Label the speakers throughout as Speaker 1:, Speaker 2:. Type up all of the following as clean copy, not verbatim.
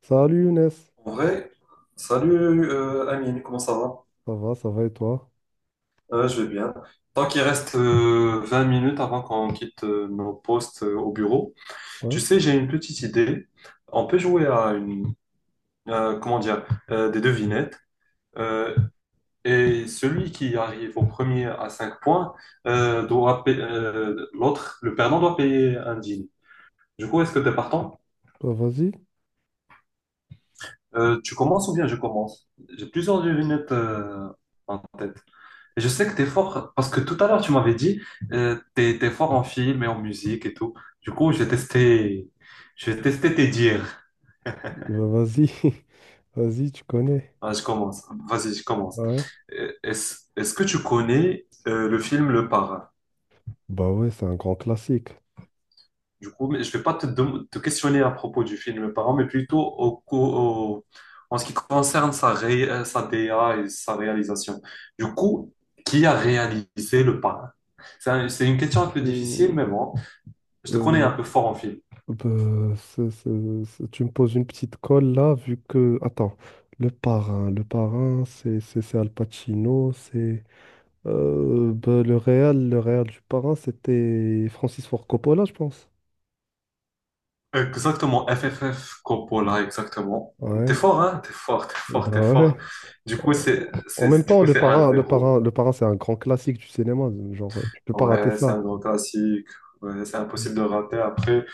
Speaker 1: Salut Younes,
Speaker 2: En vrai, salut Amine, comment ça va?
Speaker 1: ça va et toi?
Speaker 2: Je vais bien. Tant qu'il reste 20 minutes avant qu'on quitte nos postes au bureau,
Speaker 1: Ouais,
Speaker 2: tu sais, j'ai une petite idée. On peut jouer à comment dire, des devinettes. euh, et celui qui arrive au premier à 5 points doit payer, l'autre, le perdant doit payer un dîner. Du coup, est-ce que tu es partant?
Speaker 1: bah vas-y,
Speaker 2: Tu commences ou bien je commence? J'ai plusieurs devinettes en tête. Et je sais que t'es fort parce que tout à l'heure tu m'avais dit t'es fort en film et en musique et tout. Du coup, je vais tester tes dires.
Speaker 1: bah vas-y, vas-y, tu connais.
Speaker 2: Ah, je commence. Vas-y, je commence.
Speaker 1: Ouais,
Speaker 2: Est-ce que tu connais le film Le Parrain?
Speaker 1: bah ouais, c'est un grand classique.
Speaker 2: Du coup, mais je vais pas te questionner à propos du film Le Parrain, mais plutôt au- en ce qui concerne sa DA et sa réalisation. Du coup, qui a réalisé Le Parrain? C'est une question un peu difficile, mais
Speaker 1: Hmm,
Speaker 2: bon, je te connais
Speaker 1: euh,
Speaker 2: un peu fort en film.
Speaker 1: bah, tu me poses une petite colle là, vu que. Attends, le parrain, c'est Al Pacino, c'est. Bah, le réal du parrain, c'était Francis Ford Coppola, je pense.
Speaker 2: Exactement, FFF Coppola, exactement. T'es
Speaker 1: Ouais,
Speaker 2: fort, hein? T'es fort, t'es fort,
Speaker 1: bah
Speaker 2: t'es fort.
Speaker 1: ouais.
Speaker 2: Du coup, c'est,
Speaker 1: En même
Speaker 2: c'est, du
Speaker 1: temps,
Speaker 2: coup,
Speaker 1: De
Speaker 2: c'est un
Speaker 1: Parrain, De
Speaker 2: zéro.
Speaker 1: Parrain, De Parrain, c'est un grand classique du cinéma. Genre, tu peux pas rater
Speaker 2: Ouais, c'est
Speaker 1: ça.
Speaker 2: un grand classique. Ouais, c'est impossible de rater. Après,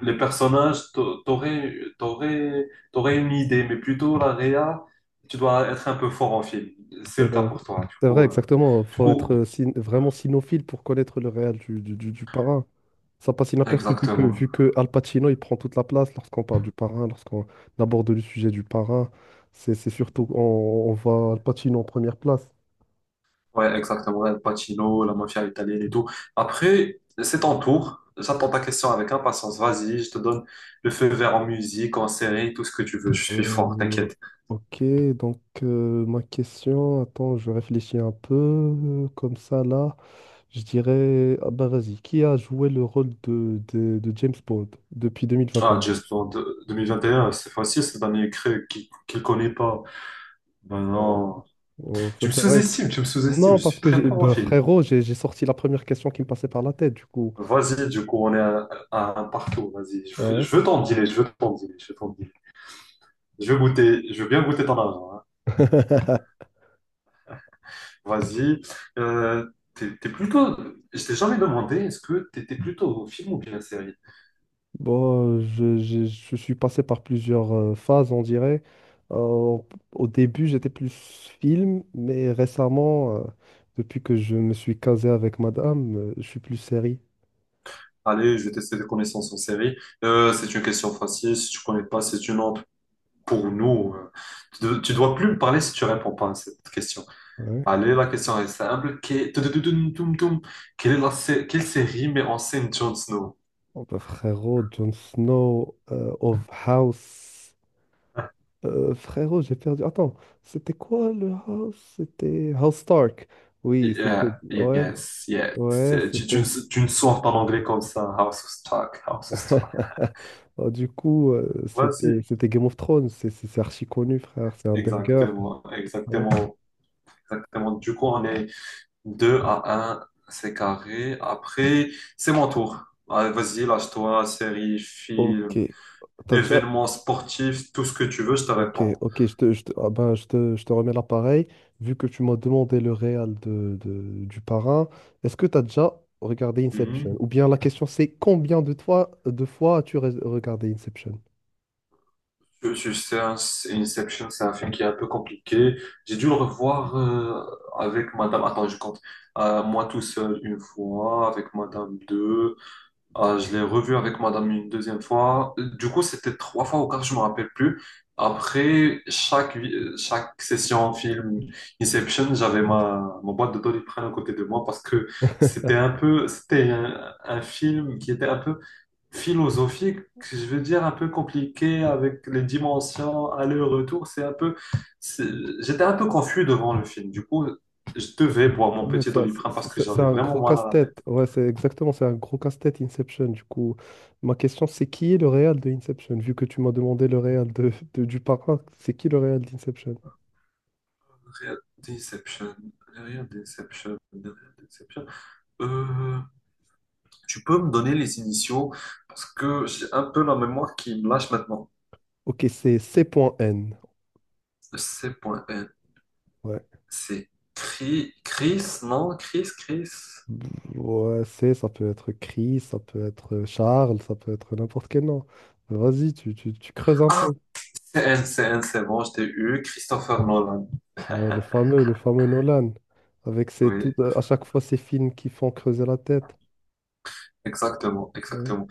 Speaker 2: les personnages, t'aurais une idée, mais plutôt la réa, tu dois être un peu fort en film. C'est
Speaker 1: Eh
Speaker 2: le cas
Speaker 1: ben,
Speaker 2: pour toi. Du
Speaker 1: c'est vrai,
Speaker 2: coup, euh,
Speaker 1: exactement.
Speaker 2: du
Speaker 1: Faut être
Speaker 2: coup,
Speaker 1: vraiment cinéphile pour connaître le réel du Parrain. Ça passe inaperçu
Speaker 2: exactement.
Speaker 1: vu que Al Pacino, il prend toute la place lorsqu'on parle du Parrain, lorsqu'on aborde le sujet du Parrain. C'est surtout, on voit Al Pacino en première place.
Speaker 2: Ouais, exactement. El Pacino, la mafia italienne et tout. Après, c'est ton tour. J'attends ta question avec impatience. Vas-y, je te donne le feu vert en musique, en série, tout ce que tu veux. Je suis fort,
Speaker 1: Euh,
Speaker 2: t'inquiète.
Speaker 1: ok, donc ma question, attends, je réfléchis un peu comme ça là. Je dirais, ah bah vas-y, qui a joué le rôle de James Bond depuis
Speaker 2: Ah,
Speaker 1: 2021?
Speaker 2: Just Blonde 2021, c'est facile, cette année créée qui le connaît pas. Ben
Speaker 1: Ouais.
Speaker 2: non.
Speaker 1: Oh, ça
Speaker 2: Tu me
Speaker 1: c'est vrai.
Speaker 2: sous-estimes, tu me sous-estimes.
Speaker 1: Non,
Speaker 2: Je
Speaker 1: parce
Speaker 2: suis
Speaker 1: que
Speaker 2: très
Speaker 1: j'ai,
Speaker 2: fort en
Speaker 1: bah,
Speaker 2: film.
Speaker 1: frérot, j'ai sorti la première question qui me passait par la tête, du coup.
Speaker 2: Vas-y, du coup, on est à un partout. Vas-y, je veux,
Speaker 1: Ouais.
Speaker 2: je veux t'en dealer, je veux t'en dealer, je veux t'en dealer. Je veux goûter, je veux bien goûter ton argent, hein. Vas-y. Euh, t'es plutôt. Je t'ai jamais demandé, est-ce que t'étais plutôt au film ou bien série?
Speaker 1: Bon, je suis passé par plusieurs phases, on dirait. Euh, Au début, j'étais plus film, mais récemment, depuis que je me suis casé avec madame, je suis plus série.
Speaker 2: Allez, je vais tester tes connaissances en série. C'est une question facile. Si tu connais pas, c'est une honte pour nous. Tu dois plus me parler si tu réponds pas à cette question.
Speaker 1: Ouais.
Speaker 2: Allez, la question est simple. Tudududum, tum, tum. Quelle est la sé- quelle série met en scène Jon Snow?
Speaker 1: Oh bah frérot, Jon Snow, of House. Frérot, j'ai perdu. Attends, c'était quoi le House? C'était House Stark. Oui, c'était.
Speaker 2: Yeah,
Speaker 1: Ouais,
Speaker 2: yes, yes.
Speaker 1: ouais,
Speaker 2: Tu, tu,
Speaker 1: c'était.
Speaker 2: ne- tu ne sors pas en anglais comme ça. House of Stark, House of Stark.
Speaker 1: Oh, du coup,
Speaker 2: Vas-y.
Speaker 1: c'était Game of Thrones, c'est archi connu, frère, c'est un banger.
Speaker 2: Exactement,
Speaker 1: Ouais.
Speaker 2: exactement. Exactement. Du coup, on est 2 à un, c'est carré. Après, c'est mon tour. Allez, vas-y, lâche-toi, série,
Speaker 1: Ok.
Speaker 2: film,
Speaker 1: T'as déjà,
Speaker 2: événement sportif, tout ce que tu veux, je te
Speaker 1: ok,
Speaker 2: réponds.
Speaker 1: ok, ah ben, je te remets l'appareil. Vu que tu m'as demandé le réel du parrain, est-ce que tu as déjà regardé Inception?
Speaker 2: Mhm.
Speaker 1: Ou bien la question c'est combien de, toi, de fois regardé Inception?
Speaker 2: C'est Inception, c'est un film qui est un peu compliqué. J'ai dû le revoir avec Madame. Attends, je compte. Moi tout seul une fois, avec Madame deux, ah, je l'ai revu avec madame une deuxième fois. Du coup, c'était trois fois ou quatre, je me rappelle plus. Après chaque session film Inception, j'avais ma boîte de Doliprane à côté de moi parce que c'était un film qui était un peu philosophique, je veux dire un peu compliqué avec les dimensions, aller-retour. C'est un peu, c'est- J'étais un peu confus devant le film. Du coup, je devais boire mon
Speaker 1: Ouais,
Speaker 2: petit Doliprane parce que
Speaker 1: c'est
Speaker 2: j'avais
Speaker 1: un
Speaker 2: vraiment
Speaker 1: gros
Speaker 2: mal à la
Speaker 1: casse-tête.
Speaker 2: tête.
Speaker 1: Ouais, c'est exactement, c'est un gros casse-tête Inception. Du coup, ma question, c'est qui est le réel de Inception? Vu que tu m'as demandé le réel du parrain, c'est qui le réel d'Inception?
Speaker 2: Regarde Deception. Regarde Deception. Regarde Deception. Euh, tu peux me donner les initiaux parce que j'ai un peu la mémoire qui me lâche maintenant.
Speaker 1: Ok, c'est C.N.
Speaker 2: C.N.
Speaker 1: Ouais.
Speaker 2: C'est Chris, Chris, non? Chris, Chris.
Speaker 1: Ouais, c'est, ça peut être Chris, ça peut être Charles, ça peut être n'importe quel nom. Vas-y, tu creuses un
Speaker 2: Ah,
Speaker 1: peu.
Speaker 2: c'est N, c'est N, c'est bon, je t'ai eu. Christopher Nolan.
Speaker 1: Ouais, le fameux Nolan, avec ses,
Speaker 2: Oui,
Speaker 1: tout, à chaque fois ces films qui font creuser la tête.
Speaker 2: exactement,
Speaker 1: Ouais.
Speaker 2: exactement.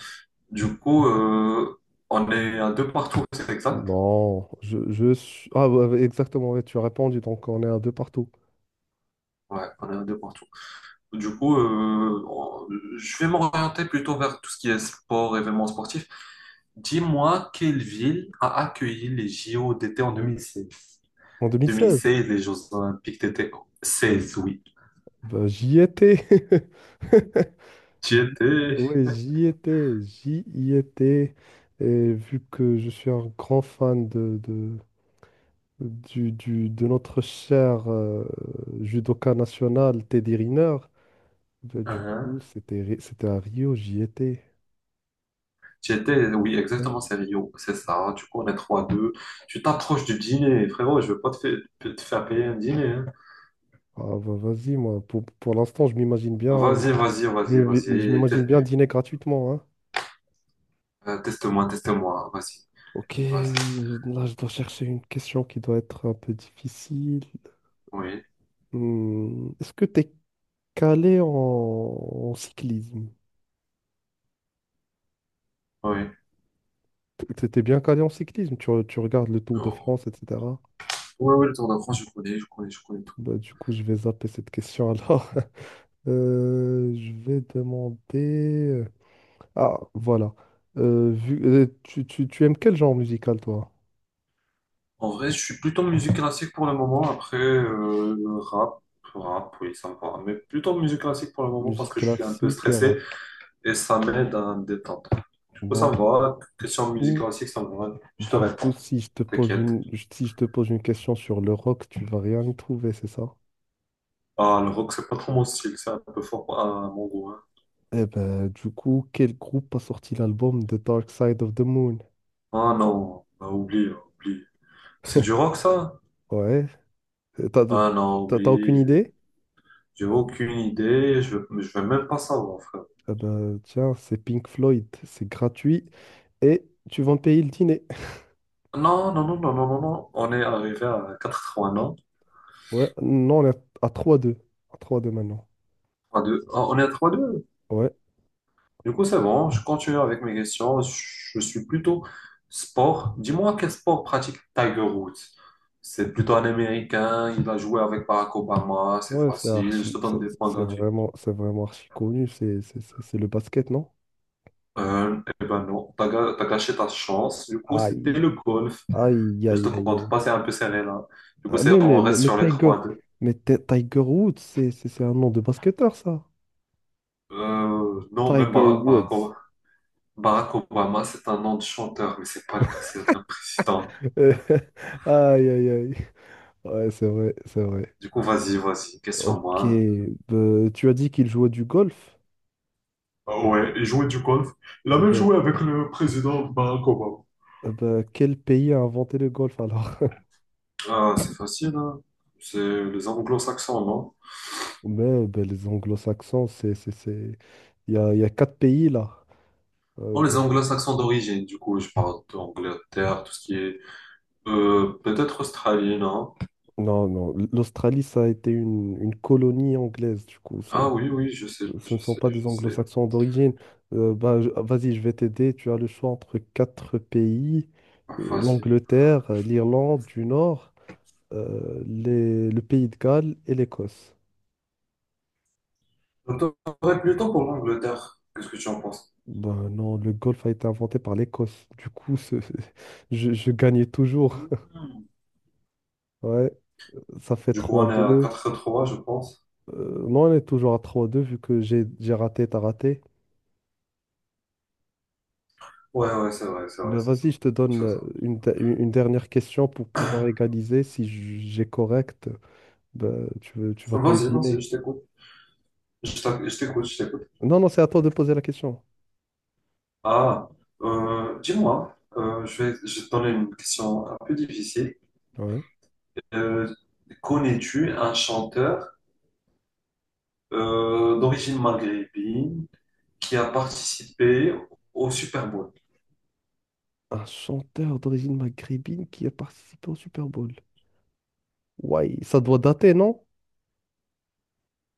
Speaker 2: Du coup, on est à deux partout, c'est exact?
Speaker 1: Non, je suis... Ah, ouais, ouais, exactement, ouais, tu as répondu, donc on est à deux partout.
Speaker 2: Ouais, on est à deux partout. Du coup, je vais m'orienter plutôt vers tout ce qui est sport, événements sportifs. Dis-moi quelle ville a accueilli les JO d'été en 2016.
Speaker 1: En 2016,
Speaker 2: 2016, les Jeux Olympiques d'été 16, oui.
Speaker 1: bah, j'y étais.
Speaker 2: J'y
Speaker 1: J'y-
Speaker 2: étais,
Speaker 1: Oui, j'y étais, j'y y étais. Et vu que je suis un grand fan de notre cher judoka national, Teddy Riner, bah, du
Speaker 2: hein.
Speaker 1: coup, c'était à Rio, j'y étais.
Speaker 2: J'y étais, oui,
Speaker 1: Ouais.
Speaker 2: exactement, c'est Rio. C'est ça. Du coup, on est 3-2. Tu t'approches du dîner, frérot. Je veux pas te faire payer un dîner, hein.
Speaker 1: Ah, bah, vas-y, moi, pour l'instant, je m'imagine bien,
Speaker 2: Vas-y, vas-y, vas-y,
Speaker 1: je
Speaker 2: vas-y.
Speaker 1: m'imagine bien dîner gratuitement, hein.
Speaker 2: Teste-moi, teste-moi. Vas-y,
Speaker 1: Ok,
Speaker 2: vas-y.
Speaker 1: là je dois chercher une question qui doit être un peu difficile.
Speaker 2: Oui,
Speaker 1: Est-ce que tu es calé en cyclisme?
Speaker 2: oui.
Speaker 1: Tu étais bien calé en cyclisme, tu regardes le Tour de
Speaker 2: Non.
Speaker 1: France, etc.
Speaker 2: Oui, oui, le Tour de France, je connais, je connais, je connais.
Speaker 1: Bah, du coup, je vais zapper cette question alors. Je vais Ah, voilà. Tu aimes quel genre musical, toi?
Speaker 2: En vrai, je suis plutôt musique classique pour le moment. Après, rap, rap, oui, ça me va. Mais plutôt musique classique pour le moment parce
Speaker 1: Musique
Speaker 2: que je suis un peu
Speaker 1: classique et rap.
Speaker 2: stressé et ça m'aide à me détendre. Du coup, ça
Speaker 1: Donc,
Speaker 2: me va.
Speaker 1: du
Speaker 2: Question de musique
Speaker 1: coup,
Speaker 2: classique, ça me va. Je te
Speaker 1: Du coup,
Speaker 2: réponds,
Speaker 1: si je te pose
Speaker 2: t'inquiète.
Speaker 1: une, si je te pose une question sur le rock, tu vas rien y trouver, c'est ça?
Speaker 2: Ah, le rock, c'est pas trop mon style, c'est un peu fort à mon goût, hein.
Speaker 1: Eh ben, du coup, quel groupe a sorti l'album The Dark Side of the Moon?
Speaker 2: Ah non, bah, oublie, oublie. C'est du rock, ça?
Speaker 1: Ouais, t'as,
Speaker 2: Ah non,
Speaker 1: t'as aucune
Speaker 2: oublie.
Speaker 1: idée?
Speaker 2: J'ai aucune idée, je vais même pas savoir, frère.
Speaker 1: Eh ben, tiens, c'est Pink Floyd, c'est gratuit et tu vas me payer le dîner.
Speaker 2: Non, non, non, non, non, non, non. On est arrivé à 80 ans.
Speaker 1: Ouais, non, on est à 3-2. À 3-2 maintenant.
Speaker 2: 3-2. Ah, on est à 3-2.
Speaker 1: Ouais.
Speaker 2: Du coup, c'est bon. Je continue avec mes questions. Je suis plutôt sport. Dis-moi quel sport pratique Tiger Woods. C'est plutôt un Américain. Il a joué avec Barack Obama. C'est
Speaker 1: Ouais, c'est
Speaker 2: facile. Je
Speaker 1: archi,
Speaker 2: te
Speaker 1: c'est
Speaker 2: donne des points
Speaker 1: c'est
Speaker 2: gratuits.
Speaker 1: vraiment, c'est vraiment archi connu, c'est le basket, non?
Speaker 2: Eh ben non. T'as gâché ta chance. Du coup, c'était
Speaker 1: Aïe,
Speaker 2: le golf.
Speaker 1: aïe,
Speaker 2: Je te
Speaker 1: aïe, aïe,
Speaker 2: compte
Speaker 1: aïe.
Speaker 2: pas. C'est un peu serré là. Du coup,
Speaker 1: Ah,
Speaker 2: c'est, on reste sur les 3-2.
Speaker 1: Tiger Woods, c'est un nom de basketteur, ça.
Speaker 2: Non, même
Speaker 1: Tiger
Speaker 2: Barack, Barack
Speaker 1: Woods.
Speaker 2: O- Barack Obama, c'est un nom de chanteur, mais c'est pas le cas. C'est un président.
Speaker 1: Aïe, aïe, aïe. Ouais, c'est vrai, c'est vrai.
Speaker 2: Du coup, vas-y, vas-y,
Speaker 1: Ok,
Speaker 2: question-moi.
Speaker 1: bah, tu as dit qu'il jouait du golf.
Speaker 2: Ah, ouais, et jouer du golf. Il a
Speaker 1: Ah
Speaker 2: même
Speaker 1: bah-
Speaker 2: joué avec le président Koba.
Speaker 1: ah bah, quel pays a inventé le golf alors?
Speaker 2: Ah, c'est facile, hein. C'est les anglo-saxons, non?
Speaker 1: Ben bah, les anglo-saxons. Il y a quatre pays là.
Speaker 2: Non,
Speaker 1: Bah,
Speaker 2: les anglo-saxons d'origine, du coup, je parle d'Angleterre, tout ce qui est... Peut-être Australie, non?
Speaker 1: non, non, l'Australie, ça a été une colonie anglaise, du coup.
Speaker 2: Ah oui, oui, je sais,
Speaker 1: Ce ne
Speaker 2: je
Speaker 1: sont
Speaker 2: sais,
Speaker 1: pas des
Speaker 2: je sais.
Speaker 1: anglo-saxons d'origine. Ah, vas-y, je vais t'aider. Tu as le choix entre quatre pays,
Speaker 2: Ah, vas-y.
Speaker 1: l'Angleterre, l'Irlande du Nord, le pays de Galles et l'Écosse.
Speaker 2: Donc, t'aurais plutôt pour l'Angleterre. Qu'est-ce que tu en penses?
Speaker 1: Ben non, le golf a été inventé par l'Écosse. Du coup, je gagnais toujours.
Speaker 2: Hmm.
Speaker 1: Ouais, ça fait
Speaker 2: Du coup, on est à
Speaker 1: 3-2.
Speaker 2: 4-3, je pense.
Speaker 1: Non, on est toujours à 3-2 vu que j'ai raté, t'as raté.
Speaker 2: Ouais, ouais, c'est vrai, c'est vrai,
Speaker 1: Ben
Speaker 2: c'est ça.
Speaker 1: vas-y, je te donne
Speaker 2: C'est ça.
Speaker 1: une, de- une dernière question pour pouvoir égaliser si j- j'ai correct. Bah, tu vas payer le
Speaker 2: Vas-y, vas-y,
Speaker 1: dîner.
Speaker 2: je t'écoute. Je t'écoute, je t'écoute.
Speaker 1: Non, non, c'est à toi de poser la question.
Speaker 2: Ah, dis-moi, je vais te donner une question un peu difficile.
Speaker 1: Ouais.
Speaker 2: Euh, Connais-tu un chanteur d'origine maghrébine qui a participé au Super Bowl?
Speaker 1: Un chanteur d'origine maghrébine qui a participé au Super Bowl. Ouais, ça doit dater, non?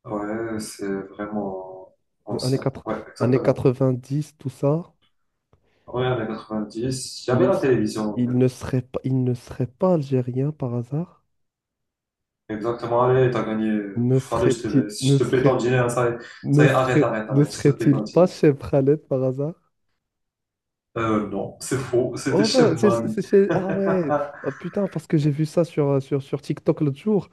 Speaker 2: Ouais, c'est vraiment
Speaker 1: Années
Speaker 2: ancien. Ouais, exactement.
Speaker 1: 4 années dix tout ça.
Speaker 2: Ouais, années 90. Il y
Speaker 1: Il
Speaker 2: avait
Speaker 1: ne,
Speaker 2: la
Speaker 1: s-
Speaker 2: télévision, en fait.
Speaker 1: il ne serait pas algérien par hasard?
Speaker 2: Exactement. Allez, t'as gagné.
Speaker 1: Ne
Speaker 2: Allez, je te
Speaker 1: serait-il,
Speaker 2: laisse. Je
Speaker 1: ne
Speaker 2: te paie ton
Speaker 1: serait,
Speaker 2: dîner, hein. Ça
Speaker 1: ne
Speaker 2: y est, arrête,
Speaker 1: serait,
Speaker 2: arrête,
Speaker 1: Ne
Speaker 2: arrête. Je te paie ton
Speaker 1: serait-il pas
Speaker 2: dîner.
Speaker 1: chez Khaled par hasard?
Speaker 2: Non, c'est faux. C'était
Speaker 1: Oh,
Speaker 2: Chef
Speaker 1: ben, c'est
Speaker 2: Mami.
Speaker 1: chez. Ah ouais,
Speaker 2: Ah,
Speaker 1: ah, putain, parce que j'ai vu ça sur TikTok l'autre jour.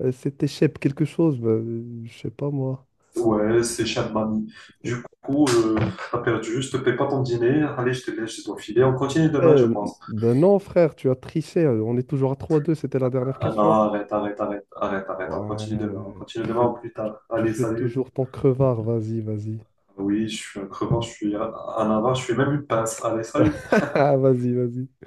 Speaker 1: C'était Shep quelque chose, ben, je sais pas moi.
Speaker 2: ouais, c'est cher de mamie. Du coup, t'as perdu, je te paie pas ton dîner. Allez, je te laisse, je dois filer. On continue demain, je
Speaker 1: Eh,
Speaker 2: pense.
Speaker 1: ben non, frère, tu as triché. On est toujours à 3-2, c'était la dernière
Speaker 2: Ah non,
Speaker 1: question.
Speaker 2: arrête, arrête, arrête, arrête, arrête. On
Speaker 1: Ouais,
Speaker 2: continue
Speaker 1: tu
Speaker 2: demain
Speaker 1: fais,
Speaker 2: ou plus tard.
Speaker 1: tu
Speaker 2: Allez,
Speaker 1: fais
Speaker 2: salut.
Speaker 1: toujours ton crevard, vas-y, vas-y.
Speaker 2: Oui, je suis un crevant, je suis un avare, je suis même une pince. Allez, salut.
Speaker 1: Vas-y, vas-y.